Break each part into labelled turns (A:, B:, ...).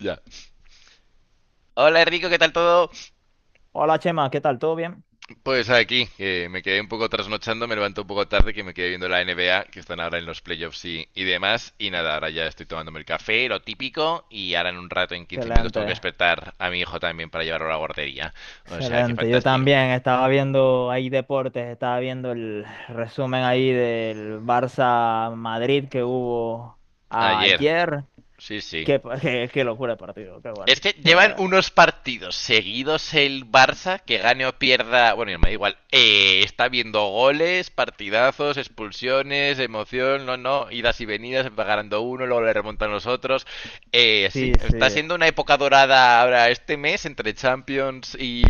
A: Ya. Hola Enrico, ¿qué tal todo?
B: Hola Chema, ¿qué tal? ¿Todo bien?
A: Pues aquí, que me quedé un poco trasnochando, me levanto un poco tarde, que me quedé viendo la NBA, que están ahora en los playoffs y demás. Y nada, ahora ya estoy tomándome el café, lo típico, y ahora en un rato, en 15 minutos, tengo que
B: Excelente,
A: despertar a mi hijo también para llevarlo a la guardería. O sea, que
B: excelente. Yo
A: fantástico.
B: también estaba viendo ahí deportes, estaba viendo el resumen ahí del Barça Madrid que hubo
A: Ayer,
B: ayer.
A: sí, sí.
B: Qué locura de partido, qué bueno.
A: Es que llevan unos partidos seguidos el Barça, que gane o pierda, bueno, me da igual, está viendo goles, partidazos, expulsiones, emoción, no, no, idas y venidas, va ganando uno, luego le remontan los otros. Sí,
B: Sí,
A: está
B: sí.
A: siendo una época dorada ahora este mes entre Champions y,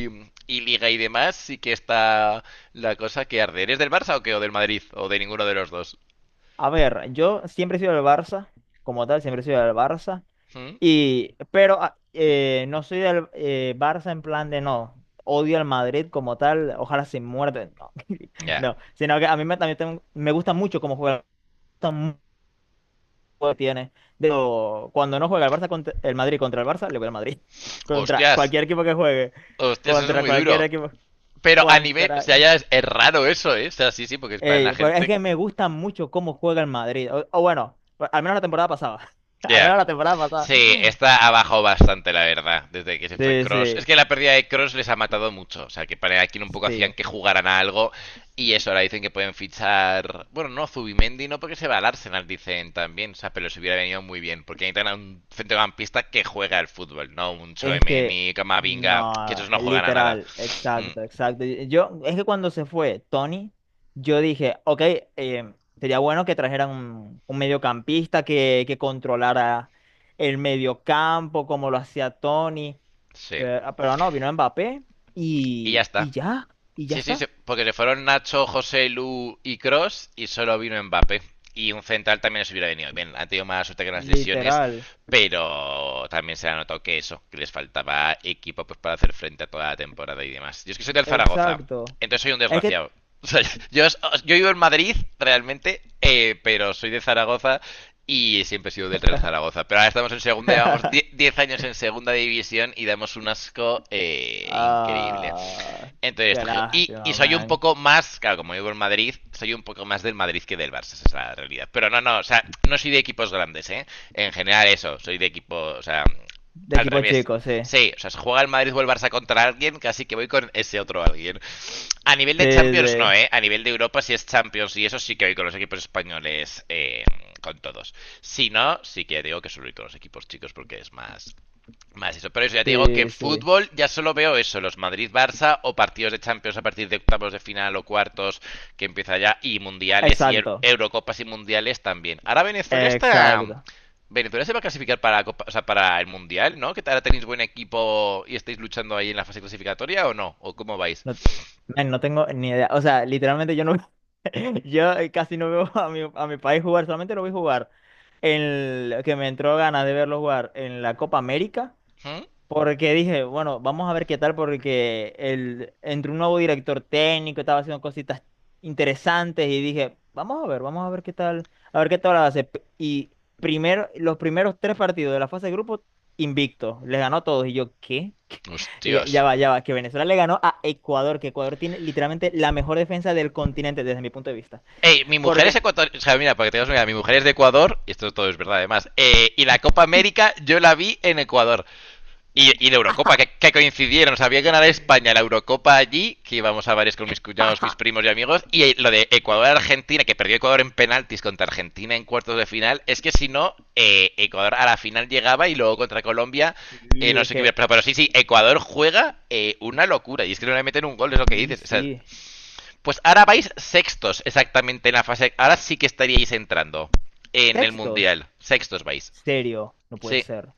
A: y Liga y demás, sí que está la cosa que arde. ¿Eres del Barça o qué? ¿O del Madrid? ¿O de ninguno de los dos?
B: A ver, yo siempre he sido del Barça, como tal, siempre he sido del Barça.
A: ¿Mm?
B: Pero no soy del Barça en plan de no, odio al Madrid como tal, ojalá se muerde, no,
A: Ya. Yeah.
B: no, sino que a mí me gusta mucho cómo juega, me gusta mucho el juego que tiene. De hecho, cuando no juega el Madrid contra el Barça, le voy al Madrid, contra
A: Hostias,
B: cualquier equipo que juegue,
A: hostias, eso es
B: contra
A: muy
B: cualquier
A: duro.
B: equipo,
A: Pero a nivel. O
B: contra...
A: sea, ya es raro eso, ¿eh? O sea, sí, sí, porque es para la
B: pero es
A: gente.
B: que me gusta mucho cómo juega el Madrid, o bueno, al menos la temporada pasada,
A: Ya.
B: al
A: Yeah.
B: menos la temporada pasada,
A: Sí, está abajo bastante, la verdad, desde que se fue
B: sí,
A: Cross. Es
B: sí,
A: que la pérdida de Cross les ha matado mucho. O sea, que para aquí un poco hacían
B: sí.
A: que jugaran a algo. Y eso, ahora dicen que pueden fichar. Bueno, no, Zubimendi, no porque se va al Arsenal, dicen también. O sea, pero les hubiera venido muy bien. Porque necesitan a un centrocampista que juega al fútbol, ¿no? Un
B: Es que,
A: Choemeni, Camavinga, que
B: no,
A: esos no juegan a nada.
B: literal,
A: Mm,
B: exacto, exacto. Yo, es que cuando se fue Tony, yo dije, ok, eh, sería bueno que trajeran un mediocampista que controlara el mediocampo, como lo hacía Tony,
A: sí.
B: pero no, vino Mbappé
A: Y ya
B: y,
A: está.
B: y ya, y ya
A: Sí, sí, sí,
B: está,
A: porque le fueron Nacho, José, Lu y Cross y solo vino Mbappé. Y un central también les hubiera venido. Bien, han tenido más suerte que las lesiones,
B: literal,
A: pero también se ha notado que eso, que les faltaba equipo pues, para hacer frente a toda la temporada y demás. Yo es que soy del Zaragoza,
B: exacto.
A: entonces soy un
B: Es que,
A: desgraciado. O sea, yo, yo vivo en Madrid, realmente, pero soy de Zaragoza y siempre he sido del Real Zaragoza. Pero ahora estamos en segunda, llevamos 10 años en segunda división y damos un asco increíble.
B: ah,
A: Entonces
B: qué
A: está giro. Y
B: lástima,
A: soy un
B: man.
A: poco más, claro, como vivo en Madrid, soy un poco más del Madrid que del Barça, esa es la realidad. Pero no, no, o sea, no soy de equipos grandes, ¿eh? En general eso, soy de equipo, o sea,
B: De
A: al
B: equipo
A: revés.
B: chico, sí,
A: Sí, o sea, se juega el Madrid o el Barça contra alguien, casi que voy con ese otro alguien. A nivel
B: sí,
A: de Champions no,
B: sí.
A: ¿eh? A nivel de Europa sí es Champions y eso sí que voy con los equipos españoles, con todos. Si no, sí que digo que solo voy con los equipos chicos porque es más, más eso, pero eso ya te digo que
B: Sí, sí.
A: fútbol ya solo veo eso, los Madrid-Barça o partidos de Champions a partir de octavos de final o cuartos que empieza ya y mundiales y
B: Exacto.
A: Eurocopas y mundiales también. Ahora Venezuela está
B: Exacto.
A: Venezuela se va a clasificar para la o sea, para el mundial, ¿no? ¿Que ahora tenéis buen equipo y estáis luchando ahí en la fase clasificatoria o no? ¿O cómo vais?
B: No, man, no tengo ni idea. O sea, literalmente yo no yo casi no veo a a mi país jugar, solamente lo vi jugar en que me entró ganas de verlo jugar en la Copa América.
A: ¿Mm?
B: Porque dije, bueno, vamos a ver qué tal, porque entre un nuevo director técnico estaba haciendo cositas interesantes y dije, vamos a ver qué tal, a ver qué tal hace. Y primero, los primeros tres partidos de la fase de grupo, invicto, les ganó a todos. Y yo, ¿qué? Y
A: Hostias.
B: ya va, que Venezuela le ganó a Ecuador, que Ecuador tiene literalmente la mejor defensa del continente desde mi punto de vista.
A: Ey, mi mujer es
B: Porque
A: ecuatoriana. O sea, mira, para que tengas una idea, mi mujer es de Ecuador, y esto todo es verdad además. Y la Copa América yo la vi en Ecuador. Y la Eurocopa, que coincidieron. Sabía ganar España la Eurocopa allí, que íbamos a varios con mis cuñados, mis primos y amigos. Y lo de Ecuador-Argentina, que perdió Ecuador en penaltis contra Argentina en cuartos de final. Es que si no, Ecuador a la final llegaba y luego contra Colombia,
B: y
A: no
B: es
A: sé qué hubiera
B: que.
A: pasado. Pero sí, sí, Ecuador juega una locura. Y es que no le meten un gol, es lo que
B: Y
A: dices. O sea,
B: sí.
A: pues ahora vais sextos exactamente en la fase. Ahora sí que estaríais entrando en el
B: Sextos.
A: Mundial. Sextos vais.
B: Serio, no puede
A: Sí,
B: ser.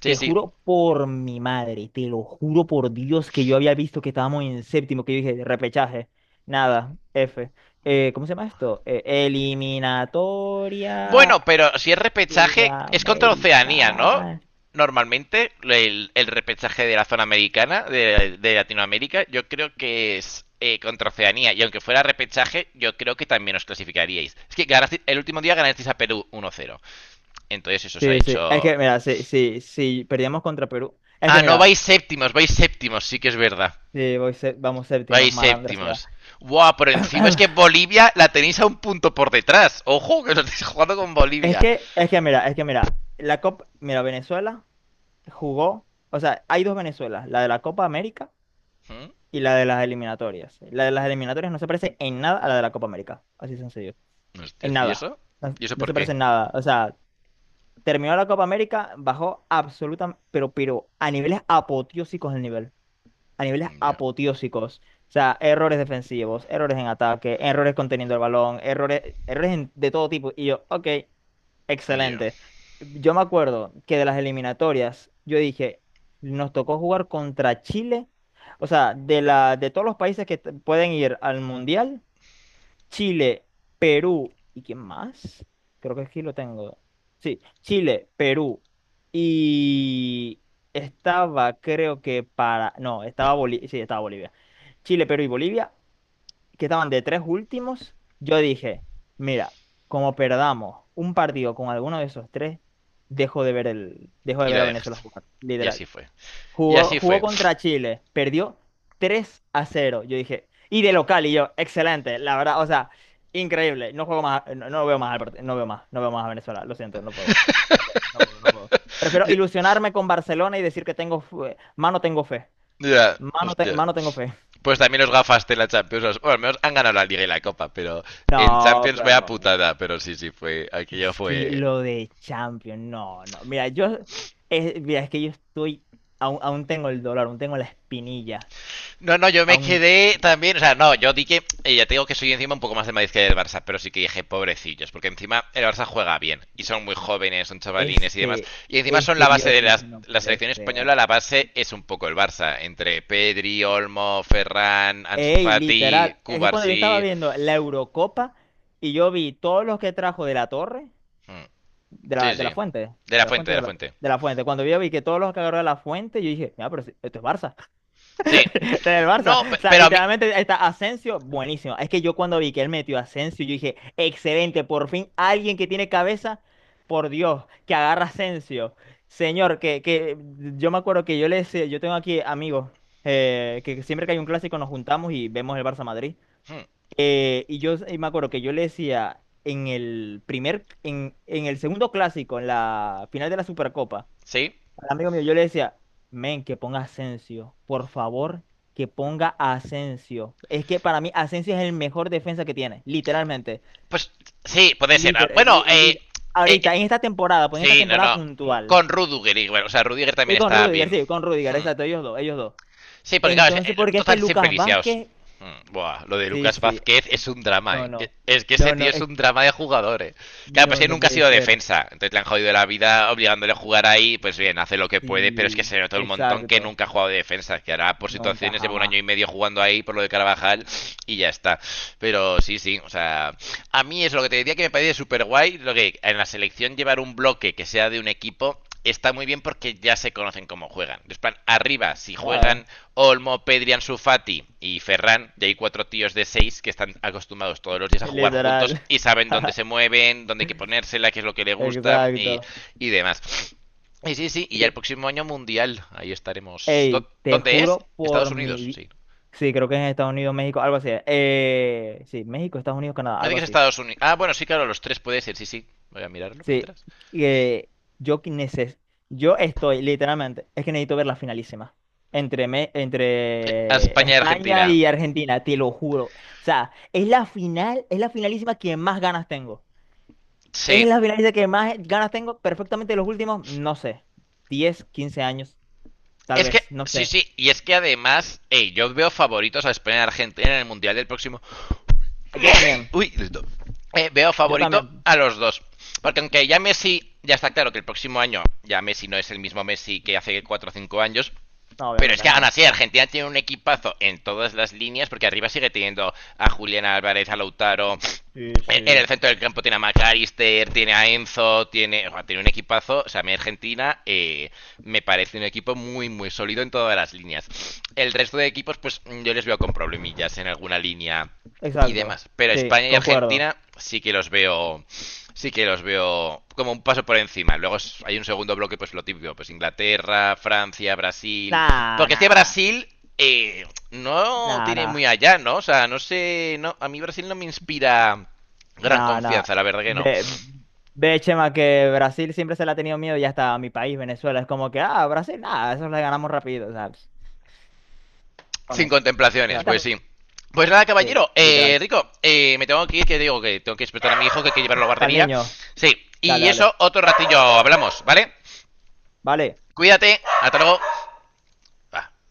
A: sí,
B: Te
A: sí.
B: juro por mi madre, te lo juro por Dios que yo había visto que estábamos en séptimo, que yo dije, repechaje. Nada, F. ¿Cómo se llama esto? Eliminatoria
A: Bueno, pero si es repechaje, es contra Oceanía, ¿no?
B: sudamericana.
A: Normalmente el repechaje de la zona americana, de Latinoamérica, yo creo que es contra Oceanía. Y aunque fuera repechaje, yo creo que también os clasificaríais. Es que el último día ganasteis a Perú 1-0. Entonces eso os ha
B: Sí, sí. Es
A: hecho...
B: que, mira, si perdíamos contra Perú. Es
A: Ah,
B: que,
A: no,
B: mira,
A: vais séptimos, sí que es verdad.
B: si voy sé- vamos
A: Vais
B: séptimos, malandra
A: séptimos.
B: sea.
A: Buah, pero encima es que Bolivia la tenéis a un punto por detrás. Ojo, que os estáis jugando con
B: Es
A: Bolivia.
B: que, es que, mira, mira, mira, Venezuela jugó, o sea, hay dos Venezuelas, la de la Copa América
A: ¿Mm?
B: y la de las eliminatorias. La de las eliminatorias no se parece en nada a la de la Copa América, así sencillo, en
A: Hostias, ¿y
B: nada,
A: eso?
B: no,
A: ¿Y eso
B: no
A: por
B: se
A: qué?
B: parece en nada. O sea, terminó la Copa América, bajó absolutamente, pero a niveles apoteósicos el nivel. A niveles
A: Ya,
B: apoteósicos. O sea, errores defensivos, errores en ataque, errores conteniendo el balón, de todo tipo. Y yo, ok,
A: ya.
B: excelente. Yo me acuerdo que de las eliminatorias, yo dije, nos tocó jugar contra Chile. O sea, de todos los países pueden ir al Mundial, Chile, Perú, ¿y quién más? Creo que aquí lo tengo. Sí, Chile, Perú. Y estaba, creo que para... No, estaba Bolivia. Sí, estaba Bolivia. Chile, Perú y Bolivia, que estaban de tres últimos. Yo dije, mira, como perdamos un partido con alguno de esos tres, dejo de
A: Y
B: ver
A: la
B: a Venezuela
A: dejaste.
B: jugar.
A: Y
B: Literal.
A: así fue. Y
B: Jugó,
A: así
B: jugó
A: fue.
B: contra Chile, perdió 3-0. Yo dije, y de local, y yo, excelente, la verdad, o sea, increíble. No juego más, no veo más al no veo más a Venezuela, lo siento, no puedo. No puedo, no puedo, no puedo. Prefiero
A: Ya,
B: ilusionarme con Barcelona y decir que mano tengo fe.
A: ya,
B: Mano,
A: hostia.
B: mano tengo fe.
A: Pues también los gafaste en la Champions. Bueno, al menos han ganado la Liga y la Copa, pero en
B: No,
A: Champions vaya
B: pero
A: putada. Pero sí, sí, fue. Aquello
B: es que
A: fue
B: lo de Champions, no, no. Mira, mira, es que yo estoy, aún tengo el dolor, aún tengo la espinilla.
A: no, no, yo me
B: Aún,
A: quedé también, o sea, no, yo di que, ya te digo que soy encima un poco más del Madrid que del Barça, pero sí que dije, pobrecillos, porque encima el Barça juega bien, y son muy jóvenes, son
B: Es
A: chavalines y demás,
B: que,
A: y encima
B: es
A: son
B: que
A: la base
B: yo
A: de
B: dije, no
A: la
B: puede
A: selección
B: ser.
A: española, la base es un poco el Barça, entre Pedri, Olmo, Ferran, Ansu
B: Ey,
A: Fati,
B: literal, es que cuando yo estaba
A: Cubarsí,
B: viendo la Eurocopa y yo vi todos los que trajo de la torre,
A: Mm, sí,
B: de la
A: sí,
B: fuente, la fuente
A: de
B: de
A: la
B: la,
A: fuente,
B: de la fuente, cuando yo vi que todos los que agarró de la fuente, yo dije, mira, esto es Barça.
A: sí,
B: Está en el Barça.
A: no,
B: O sea,
A: pero a mí,
B: literalmente está Asensio, buenísimo. Es que yo cuando vi que él metió a Asensio, yo dije, excelente, por fin alguien que tiene cabeza, por Dios, que agarra a Asensio. Señor, que yo me acuerdo que yo le decía, yo tengo aquí amigos, que siempre que hay un clásico nos juntamos y vemos el Barça Madrid.
A: Mm,
B: Y yo me acuerdo que yo le decía en en el segundo clásico, en la final de la Supercopa,
A: sí,
B: al amigo mío, yo le decía, men, que ponga Asensio, por favor, que ponga Asensio. Es que para mí Asensio es el mejor defensa que tiene, literalmente.
A: pues sí, puede ser. Ah,
B: Liter- eh,
A: bueno,
B: li- li-
A: eh,
B: Ahorita, en esta temporada, pues en esta
A: sí, no,
B: temporada
A: no.
B: puntual.
A: Con Rudiger, igual. O sea, Rudiger
B: Y
A: también
B: con
A: está
B: Rudiger,
A: bien.
B: sí, con Rudiger, exacto, ellos dos, ellos dos.
A: Sí, porque claro, es que,
B: Entonces, porque es que
A: siempre
B: Lucas
A: lisiados.
B: Vázquez,
A: Mm, buah, lo de
B: sí,
A: Lucas
B: sí,
A: Vázquez es un drama,
B: no,
A: eh.
B: no,
A: Es que ese
B: no, no,
A: tío es un drama de jugador, eh. Claro, pues
B: no,
A: que
B: no
A: nunca ha
B: puede
A: sido
B: ser.
A: defensa. Entonces le han jodido la vida obligándole a jugar ahí. Pues bien, hace lo que puede, pero es que
B: Sí,
A: se nota un montón que
B: exacto,
A: nunca ha jugado de defensa. Que ahora por
B: nunca
A: situaciones lleva un
B: jamás,
A: año y medio jugando ahí por lo de Carvajal y ya está. Pero sí, sí, o sea, a mí es lo que te diría que me parece súper guay. Lo que en la selección llevar un bloque que sea de un equipo está muy bien porque ya se conocen cómo juegan. Después, arriba, si
B: ¿sabes?
A: juegan Olmo, Pedri, Ansu Fati y Ferran, ya hay cuatro tíos de seis que están acostumbrados todos los días a jugar
B: Literal,
A: juntos y saben dónde se mueven, dónde hay que ponérsela, qué es lo que le gusta
B: exacto.
A: y demás. Y sí, sí, y ya el próximo año mundial, ahí estaremos.
B: Ey, te
A: ¿Dónde es?
B: juro por
A: Estados
B: mi
A: Unidos,
B: vida,
A: sí.
B: sí, creo que es en Estados Unidos, México, algo así. Sí, México, Estados Unidos, Canadá,
A: No dice
B: algo
A: que es
B: así.
A: Estados Unidos. Ah, bueno, sí, claro, los tres puede ser, sí, sí. Voy a mirarlo
B: Sí,
A: mientras.
B: eh, yo que neces- yo estoy literalmente, es que necesito ver la finalísima entre
A: España y
B: España
A: Argentina.
B: y Argentina, te lo juro. O sea, es la final, es la finalísima que más ganas tengo. Es
A: Sí,
B: la finalísima que más ganas tengo, perfectamente los últimos, no sé, 10, 15 años, tal
A: es que,
B: vez, no
A: sí,
B: sé.
A: sí, y es que además, hey yo veo favoritos a España y Argentina en el Mundial del próximo.
B: Yo también,
A: Uy, listo. Veo
B: yo
A: favorito
B: también.
A: a los dos. Porque aunque ya Messi, ya está claro que el próximo año ya Messi no es el mismo Messi que hace 4 o 5 años.
B: No,
A: Pero es
B: obviamente
A: que aún
B: no.
A: así Argentina tiene un equipazo en todas las líneas porque arriba sigue teniendo a Julián Álvarez, a Lautaro.
B: Sí,
A: En
B: sí.
A: el centro del campo tiene a McAllister, tiene a Enzo, tiene, o sea, tiene un equipazo. O sea, a mí Argentina me parece un equipo muy, muy sólido en todas las líneas. El resto de equipos, pues yo les veo con problemillas en alguna línea y
B: Exacto.
A: demás. Pero
B: Sí,
A: España y
B: concuerdo.
A: Argentina sí que los veo, sí que los veo como un paso por encima. Luego hay un segundo bloque, pues lo típico, pues Inglaterra, Francia, Brasil.
B: Nah,
A: Porque es que
B: nah, nah.
A: Brasil eh, no
B: Nah,
A: tiene muy
B: nah.
A: allá, ¿no? O sea, no sé, no, a mí Brasil no me inspira gran
B: Nah, nah.
A: confianza, la verdad que no.
B: Ve, ve, Chema, que Brasil siempre se le ha tenido miedo y hasta a mi país, Venezuela, es como que, Brasil, nada, eso le ganamos rápido, ¿sabes? Bueno,
A: Sin
B: o sea,
A: contemplaciones, pues sí. Pues nada,
B: sí,
A: caballero,
B: literal.
A: Rico, me tengo que ir, que digo que tengo que despertar a mi hijo, que hay que llevarlo a la
B: Para el
A: guardería.
B: niño.
A: Sí,
B: Dale,
A: y eso
B: dale.
A: otro ratillo hablamos, ¿vale?
B: Vale.
A: Cuídate, hasta luego. Bah.